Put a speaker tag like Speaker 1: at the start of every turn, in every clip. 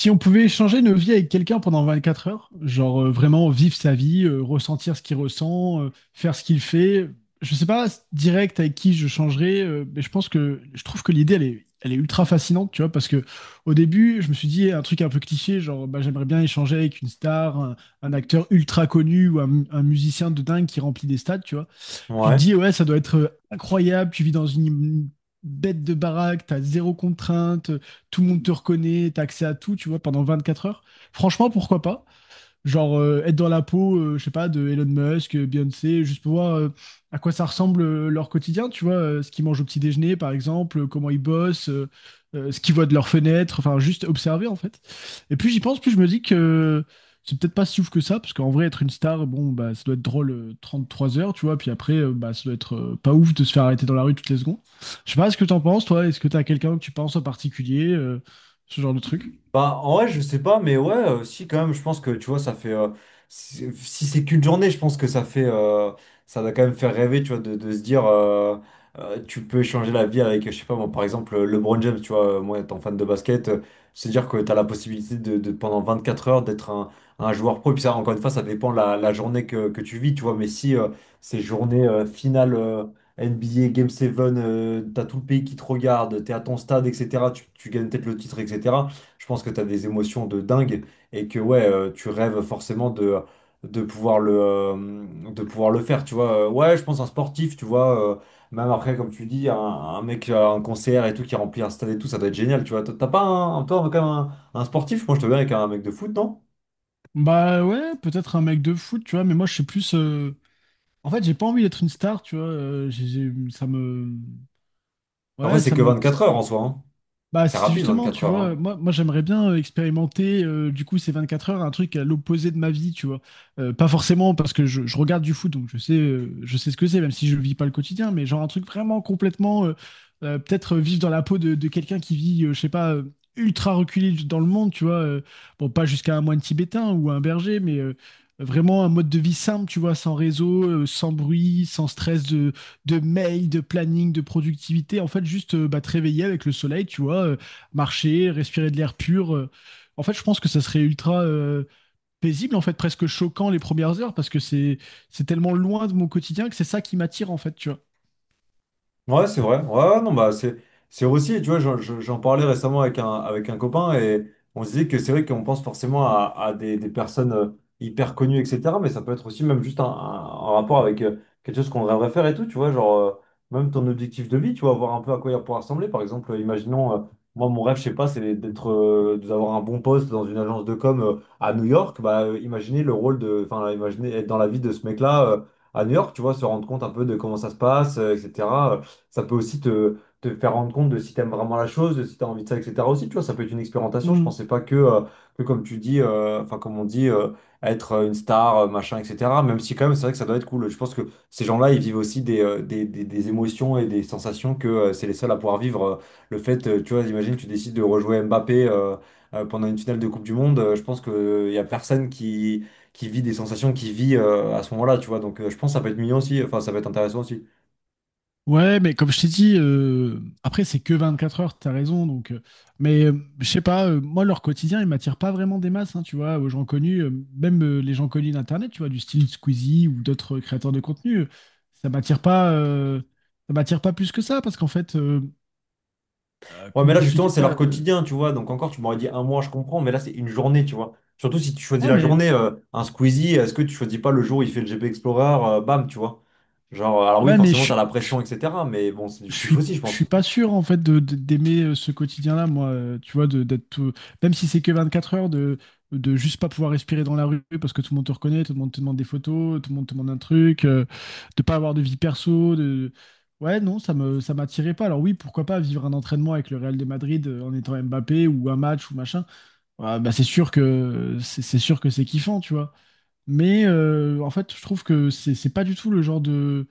Speaker 1: Si on pouvait échanger nos vies avec quelqu'un pendant 24 heures, genre vraiment vivre sa vie, ressentir ce qu'il ressent, faire ce qu'il fait, je sais pas direct avec qui je changerais, mais je pense que je trouve que l'idée elle est ultra fascinante, tu vois, parce que au début je me suis dit un truc un peu cliché, genre bah, j'aimerais bien échanger avec une star, un acteur ultra connu ou un musicien de dingue qui remplit des stades, tu vois. Tu te
Speaker 2: Ouais.
Speaker 1: dis, ouais, ça doit être incroyable, tu vis dans une bête de baraque, t'as zéro contrainte, tout le monde te reconnaît, t'as accès à tout, tu vois, pendant 24 heures. Franchement, pourquoi pas? Genre être dans la peau, je sais pas, de Elon Musk, Beyoncé, juste pour voir à quoi ça ressemble leur quotidien, tu vois, ce qu'ils mangent au petit déjeuner, par exemple, comment ils bossent, ce qu'ils voient de leur fenêtre, enfin, juste observer, en fait. Et plus j'y pense, plus je me dis que c'est peut-être pas si ouf que ça, parce qu'en vrai, être une star, bon, bah, ça doit être drôle 33 heures, tu vois, puis après, bah, ça doit être pas ouf de se faire arrêter dans la rue toutes les secondes. Je sais pas ce que t'en penses, toi, est-ce que t'as quelqu'un que tu penses en particulier, ce genre de truc?
Speaker 2: Bah, en vrai, je sais pas, mais ouais, si, quand même, je pense que, tu vois, ça fait si c'est qu'une journée, je pense que ça fait ça doit quand même faire rêver, tu vois, de se dire tu peux échanger la vie avec, je sais pas, moi, par exemple, LeBron James, tu vois, moi, étant fan de basket, se dire que t'as la possibilité de, pendant 4 heures, d'être un joueur pro. Et puis ça, encore une fois, ça dépend la journée que tu vis, tu vois, mais si ces journées finales, NBA Game 7, t'as tout le pays qui te regarde, t'es à ton stade, etc. Tu gagnes peut-être le titre, etc. Je pense que tu as des émotions de dingue et que ouais, tu rêves forcément de, de pouvoir le, euh, de pouvoir le faire, tu vois. Ouais, je pense un sportif, tu vois. Même après, comme tu dis, un mec, un concert et tout, qui remplit un stade et tout, ça doit être génial, tu vois. T'as pas un, toi, quand même, un sportif, moi je te verrais avec un mec de foot, non?
Speaker 1: Bah ouais, peut-être un mec de foot, tu vois, mais moi je suis plus. En fait, j'ai pas envie d'être une star, tu vois. Ça me.
Speaker 2: Après,
Speaker 1: Ouais,
Speaker 2: c'est
Speaker 1: ça
Speaker 2: que
Speaker 1: me.
Speaker 2: 24 heures en soi, hein.
Speaker 1: Bah,
Speaker 2: C'est
Speaker 1: c'est
Speaker 2: rapide,
Speaker 1: justement,
Speaker 2: 24
Speaker 1: tu
Speaker 2: heures,
Speaker 1: vois,
Speaker 2: hein.
Speaker 1: moi j'aimerais bien expérimenter, du coup, ces 24 heures, un truc à l'opposé de ma vie, tu vois. Pas forcément parce que je regarde du foot, donc je sais ce que c'est, même si je vis pas le quotidien, mais genre un truc vraiment complètement, peut-être vivre dans la peau de quelqu'un qui vit, je sais pas, ultra reculé dans le monde, tu vois. Bon, pas jusqu'à un moine tibétain ou un berger, mais vraiment un mode de vie simple, tu vois, sans réseau, sans bruit, sans stress de mails, de planning, de productivité. En fait, juste bah, te réveiller avec le soleil, tu vois, marcher, respirer de l'air pur. En fait, je pense que ça serait ultra paisible, en fait, presque choquant les premières heures, parce que c'est tellement loin de mon quotidien que c'est ça qui m'attire, en fait, tu
Speaker 2: Ouais, c'est vrai. Ouais, ouais, non, bah, c'est aussi, tu vois, j'en parlais récemment avec un copain et on se disait que c'est vrai qu'on pense forcément à des personnes hyper connues, etc. Mais ça peut être aussi même juste un, un rapport avec quelque chose qu'on rêverait faire et tout, tu vois, genre, même ton objectif de vie, tu vois, voir un peu à quoi il pourra ressembler. Par exemple, imaginons, moi, mon rêve, je sais pas, c'est d'avoir un bon poste dans une agence de com à New York. Bah, imaginez le rôle de, enfin, imaginez être dans la vie de ce mec-là. À New York, tu vois, se rendre compte un peu de comment ça se passe, etc. Ça peut aussi te faire rendre compte de si tu aimes vraiment la chose, de si tu as envie de ça, etc. aussi, tu vois, ça peut être une expérimentation. Je
Speaker 1: vois.
Speaker 2: pensais pas que, comme tu dis, enfin, comme on dit, être une star, machin, etc. Même si, quand même, c'est vrai que ça doit être cool. Je pense que ces gens-là, ils vivent aussi des émotions et des sensations que c'est les seuls à pouvoir vivre. Le fait, tu vois, imagine, tu décides de rejouer Mbappé. Pendant une finale de Coupe du Monde, je pense qu'il y a personne qui vit des sensations qui vit à ce moment-là, tu vois. Donc, je pense que ça peut être mignon aussi, enfin ça peut être intéressant aussi.
Speaker 1: Ouais, mais comme je t'ai dit, après, c'est que 24 heures, t'as raison. Donc, mais je sais pas, moi, leur quotidien, il m'attire pas vraiment des masses, hein, tu vois, aux gens connus, même les gens connus d'Internet, tu vois, du style Squeezie ou d'autres créateurs de contenu, ça m'attire pas, euh, ça m'attire pas plus que ça, parce qu'en fait,
Speaker 2: Ouais, mais
Speaker 1: comment
Speaker 2: là, justement,
Speaker 1: t'expliquer
Speaker 2: c'est leur
Speaker 1: ça?
Speaker 2: quotidien, tu vois. Donc, encore, tu m'aurais dit un mois, je comprends, mais là, c'est une journée, tu vois. Surtout si tu choisis
Speaker 1: Ouais,
Speaker 2: la
Speaker 1: mais,
Speaker 2: journée, un Squeezie, est-ce que tu choisis pas le jour où il fait le GP Explorer, bam, tu vois. Genre, alors oui,
Speaker 1: ouais, mais
Speaker 2: forcément, t'as la
Speaker 1: suis
Speaker 2: pression, etc. Mais bon, c'est
Speaker 1: je
Speaker 2: du kiff
Speaker 1: suis
Speaker 2: aussi, je
Speaker 1: je suis
Speaker 2: pense.
Speaker 1: pas sûr en fait d'aimer ce quotidien-là, moi, tu vois, même si c'est que 24 heures de juste pas pouvoir respirer dans la rue parce que tout le monde te reconnaît, tout le monde te demande des photos, tout le monde te demande un truc, de pas avoir de vie perso, de. Ouais, non, ça m'attirait pas. Alors oui, pourquoi pas vivre un entraînement avec le Real de Madrid en étant Mbappé ou un match ou machin. Ah, bah c'est sûr que c'est kiffant, tu vois. Mais en fait je trouve que c'est pas du tout le genre de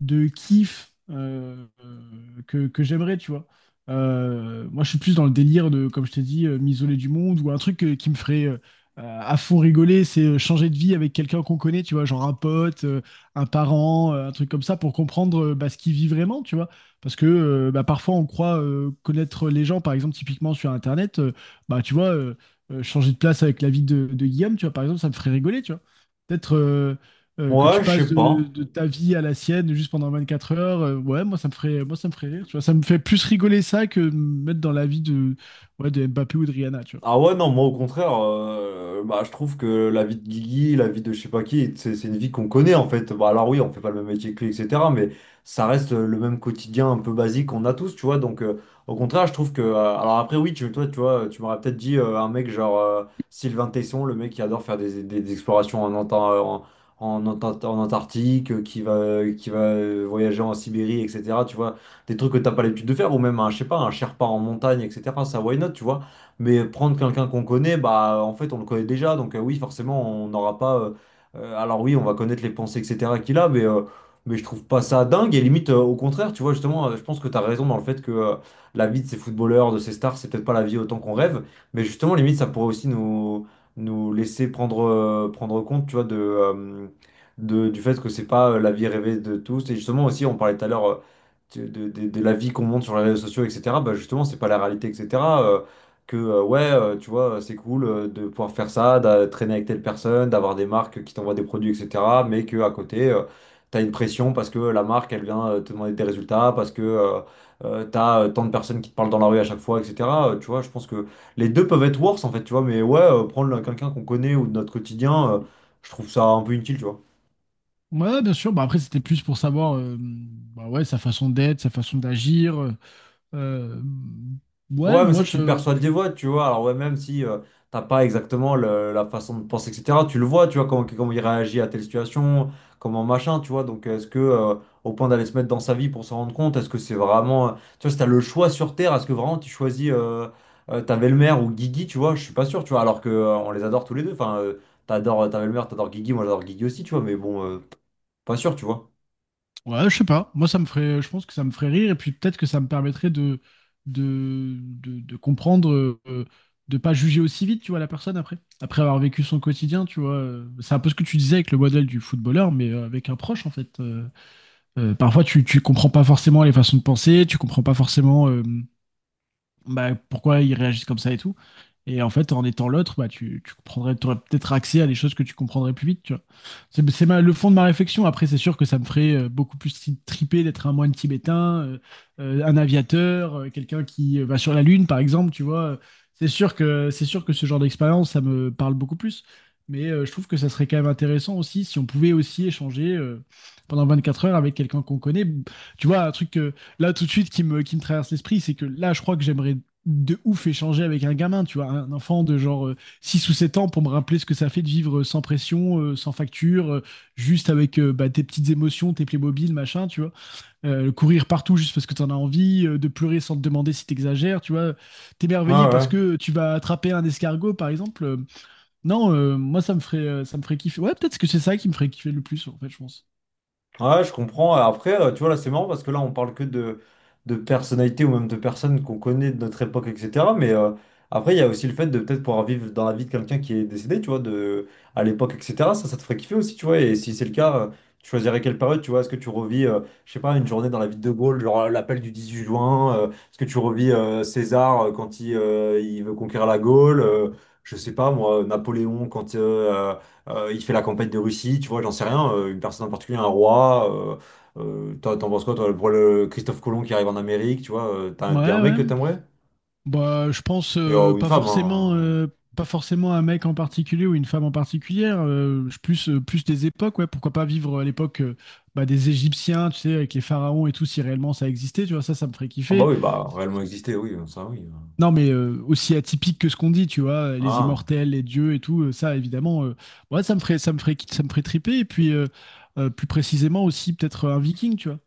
Speaker 1: de kiff que j'aimerais, tu vois. Moi, je suis plus dans le délire de, comme je t'ai dit, m'isoler du monde ou un truc qui me ferait à fond rigoler, c'est changer de vie avec quelqu'un qu'on connaît, tu vois, genre un pote, un parent, un truc comme ça, pour comprendre bah, ce qu'il vit vraiment, tu vois. Parce que bah, parfois, on croit connaître les gens, par exemple, typiquement sur Internet, bah, tu vois, euh, changer de place avec la vie de Guillaume, tu vois, par exemple, ça me ferait rigoler, tu vois. Peut-être. Que tu
Speaker 2: Ouais, je
Speaker 1: passes
Speaker 2: sais
Speaker 1: de,
Speaker 2: pas.
Speaker 1: de ta vie à la sienne juste pendant 24 heures, ouais, moi ça me ferait rire, tu vois. Ça me fait plus rigoler ça que me mettre dans la vie de Mbappé ou de Rihanna, tu vois.
Speaker 2: Ah ouais, non, moi au contraire, bah, je trouve que la vie de Guigui, la vie de je sais pas qui, c'est une vie qu'on connaît en fait. Bah, alors oui, on fait pas le même métier que lui, etc. Mais ça reste le même quotidien un peu basique qu'on a tous, tu vois. Donc, au contraire, je trouve que alors après oui, toi, tu vois, tu m'aurais peut-être dit un mec genre Sylvain Tesson, le mec qui adore faire des explorations en, Anta- en, en Anta- en Antarctique, qui va voyager en Sibérie, etc. Tu vois, des trucs que t'as pas l'habitude de faire, ou même un, je sais pas, un Sherpa en montagne, etc. Ça, why not, tu vois. Mais prendre quelqu'un qu'on connaît, bah en fait on le connaît déjà, donc oui forcément on n'aura pas. Alors oui on va connaître les pensées etc qu'il a, mais je trouve pas ça dingue et limite au contraire tu vois justement je pense que tu as raison dans le fait que la vie de ces footballeurs, de ces stars, c'est peut-être pas la vie autant qu'on rêve, mais justement limite ça pourrait aussi nous nous laisser prendre prendre compte tu vois du fait que c'est pas la vie rêvée de tous. Et justement aussi, on parlait tout à l'heure de, de la vie qu'on montre sur les réseaux sociaux, etc., bah justement, c'est pas la réalité, etc. euh, ouais, tu vois, c'est cool de pouvoir faire ça, de traîner avec telle personne, d'avoir des marques qui t'envoient des produits, etc. Mais que à côté, t'as une pression parce que la marque, elle vient te demander des résultats, parce que t'as tant de personnes qui te parlent dans la rue à chaque fois, etc. Tu vois, je pense que les deux peuvent être worse, en fait, tu vois, mais ouais, prendre quelqu'un qu'on connaît ou de notre quotidien, je trouve ça un peu inutile, tu vois.
Speaker 1: Ouais, bien sûr. Bah après, c'était plus pour savoir, bah ouais, sa façon d'être, sa façon d'agir. Euh, ouais,
Speaker 2: Ouais, mais
Speaker 1: moi
Speaker 2: ça, tu le
Speaker 1: je,
Speaker 2: perçois des voix, tu vois. Alors, ouais, même si t'as pas exactement la façon de penser, etc., tu le vois, tu vois, comment il réagit à telle situation, comment machin, tu vois. Donc, est-ce que, au point d'aller se mettre dans sa vie pour s'en rendre compte, est-ce que c'est vraiment tu vois, si t'as le choix sur Terre, est-ce que vraiment tu choisis ta belle-mère ou Guigui, tu vois, je suis pas sûr, tu vois. Alors que on les adore tous les deux. Enfin, t'adores ta belle-mère, t'adores Guigui, moi j'adore Guigui aussi, tu vois, mais bon, pas sûr, tu vois.
Speaker 1: Ouais, je sais pas. Moi, ça me ferait, je pense que ça me ferait rire et puis peut-être que ça me permettrait de comprendre, de pas juger aussi vite, tu vois, la personne après. Après avoir vécu son quotidien, tu vois. C'est un peu ce que tu disais avec le modèle du footballeur, mais avec un proche en fait. Parfois, tu comprends pas forcément les façons de penser, tu comprends pas forcément. Bah, pourquoi ils réagissent comme ça et tout. Et en fait, en étant l'autre, bah, tu comprendrais, t'aurais peut-être accès à des choses que tu comprendrais plus vite, tu vois. Le fond de ma réflexion. Après, c'est sûr que ça me ferait beaucoup plus triper d'être un moine tibétain, un aviateur, quelqu'un qui va sur la Lune, par exemple, tu vois. C'est sûr que ce genre d'expérience, ça me parle beaucoup plus. Mais je trouve que ça serait quand même intéressant aussi si on pouvait aussi échanger pendant 4 heures avec quelqu'un qu'on connaît. Tu vois, un truc là tout de suite qui me traverse l'esprit, c'est que là, je crois que j'aimerais de ouf échanger avec un gamin, tu vois, un enfant de genre 6 ou 7 ans pour me rappeler ce que ça fait de vivre sans pression, sans facture, juste avec bah, tes petites émotions, tes Playmobil, machin, tu vois. Courir partout juste parce que t'en as envie, de pleurer sans te demander si t'exagères, tu vois.
Speaker 2: Ouais,
Speaker 1: T'émerveiller parce
Speaker 2: ouais.
Speaker 1: que tu vas attraper un escargot, par exemple. Non, moi, ça me ferait kiffer. Ouais, peut-être que c'est ça qui me ferait kiffer le plus, en fait, je pense.
Speaker 2: Ouais, je comprends. Après, tu vois, là, c'est marrant parce que là, on parle que de personnalités ou même de personnes qu'on connaît de notre époque, etc. Mais après, il y a aussi le fait de peut-être pouvoir vivre dans la vie de quelqu'un qui est décédé, tu vois, de, à l'époque, etc. Ça te ferait kiffer aussi, tu vois. Et si c'est le cas, tu choisirais quelle période, tu vois. Est-ce que tu revis, je sais pas, une journée dans la vie de De Gaulle, genre l'appel du 18 juin? Est-ce que tu revis César quand il veut conquérir la Gaule? Je sais pas, moi, Napoléon quand il fait la campagne de Russie, tu vois, j'en sais rien. Une personne en particulier, un roi. T'en penses quoi, toi, pour le Christophe Colomb qui arrive en Amérique, tu vois, t'es un
Speaker 1: Ouais,
Speaker 2: mec
Speaker 1: ouais,
Speaker 2: que t'aimerais?
Speaker 1: bah, je pense
Speaker 2: Et, ou une
Speaker 1: pas
Speaker 2: femme,
Speaker 1: forcément,
Speaker 2: hein.
Speaker 1: pas forcément un mec en particulier ou une femme en particulière. Plus des époques, ouais. Pourquoi pas vivre à l'époque bah, des Égyptiens, tu sais, avec les pharaons et tout, si réellement ça existait, tu vois, ça me ferait
Speaker 2: Ah bah
Speaker 1: kiffer.
Speaker 2: oui, bah, réellement exister, oui, ça oui.
Speaker 1: Non, mais aussi atypique que ce qu'on dit, tu vois, les
Speaker 2: Ah,
Speaker 1: immortels, les dieux et tout, ça, évidemment, ouais, ça me ferait triper. Et puis, plus précisément aussi peut-être un viking, tu vois,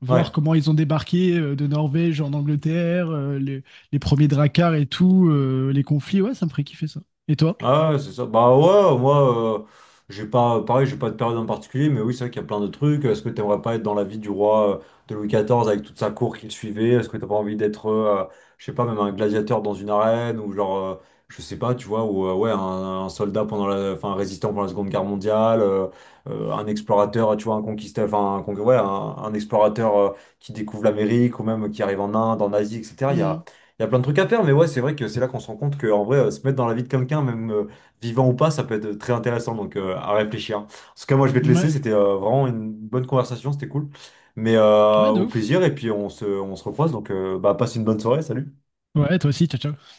Speaker 1: voir
Speaker 2: ouais.
Speaker 1: comment ils ont débarqué de Norvège en Angleterre, les premiers dracars et tout, les conflits. Ouais, ça me ferait kiffer ça. Et toi?
Speaker 2: Ah ouais, c'est ça. Bah ouais, moi, j'ai pas, pareil, j'ai pas de période en particulier, mais oui, c'est vrai qu'il y a plein de trucs. Est-ce que t'aimerais pas être dans la vie du roi de Louis XIV avec toute sa cour qu'il suivait? Est-ce que t'as pas envie d'être, je sais pas, même un gladiateur dans une arène ou genre, je sais pas, tu vois, ou ouais, un soldat pendant la, enfin, un résistant pendant la Seconde Guerre mondiale, un explorateur, tu vois, un conquistador, enfin, un, con- ouais, un explorateur qui découvre l'Amérique ou même qui arrive en Inde, en Asie, etc. Il
Speaker 1: Mm.
Speaker 2: y a plein de trucs à faire, mais ouais, c'est vrai que c'est là qu'on se rend compte que, en vrai, se mettre dans la vie de quelqu'un, même vivant ou pas, ça peut être très intéressant, donc à réfléchir. En tout cas, moi, je vais te laisser,
Speaker 1: Ouais,
Speaker 2: c'était vraiment une bonne conversation, c'était cool. Mais
Speaker 1: ouais, de
Speaker 2: au
Speaker 1: ouf.
Speaker 2: plaisir, et puis on se recroise, donc bah, passe une bonne soirée, salut.
Speaker 1: Ouais, toi aussi, ciao, ciao.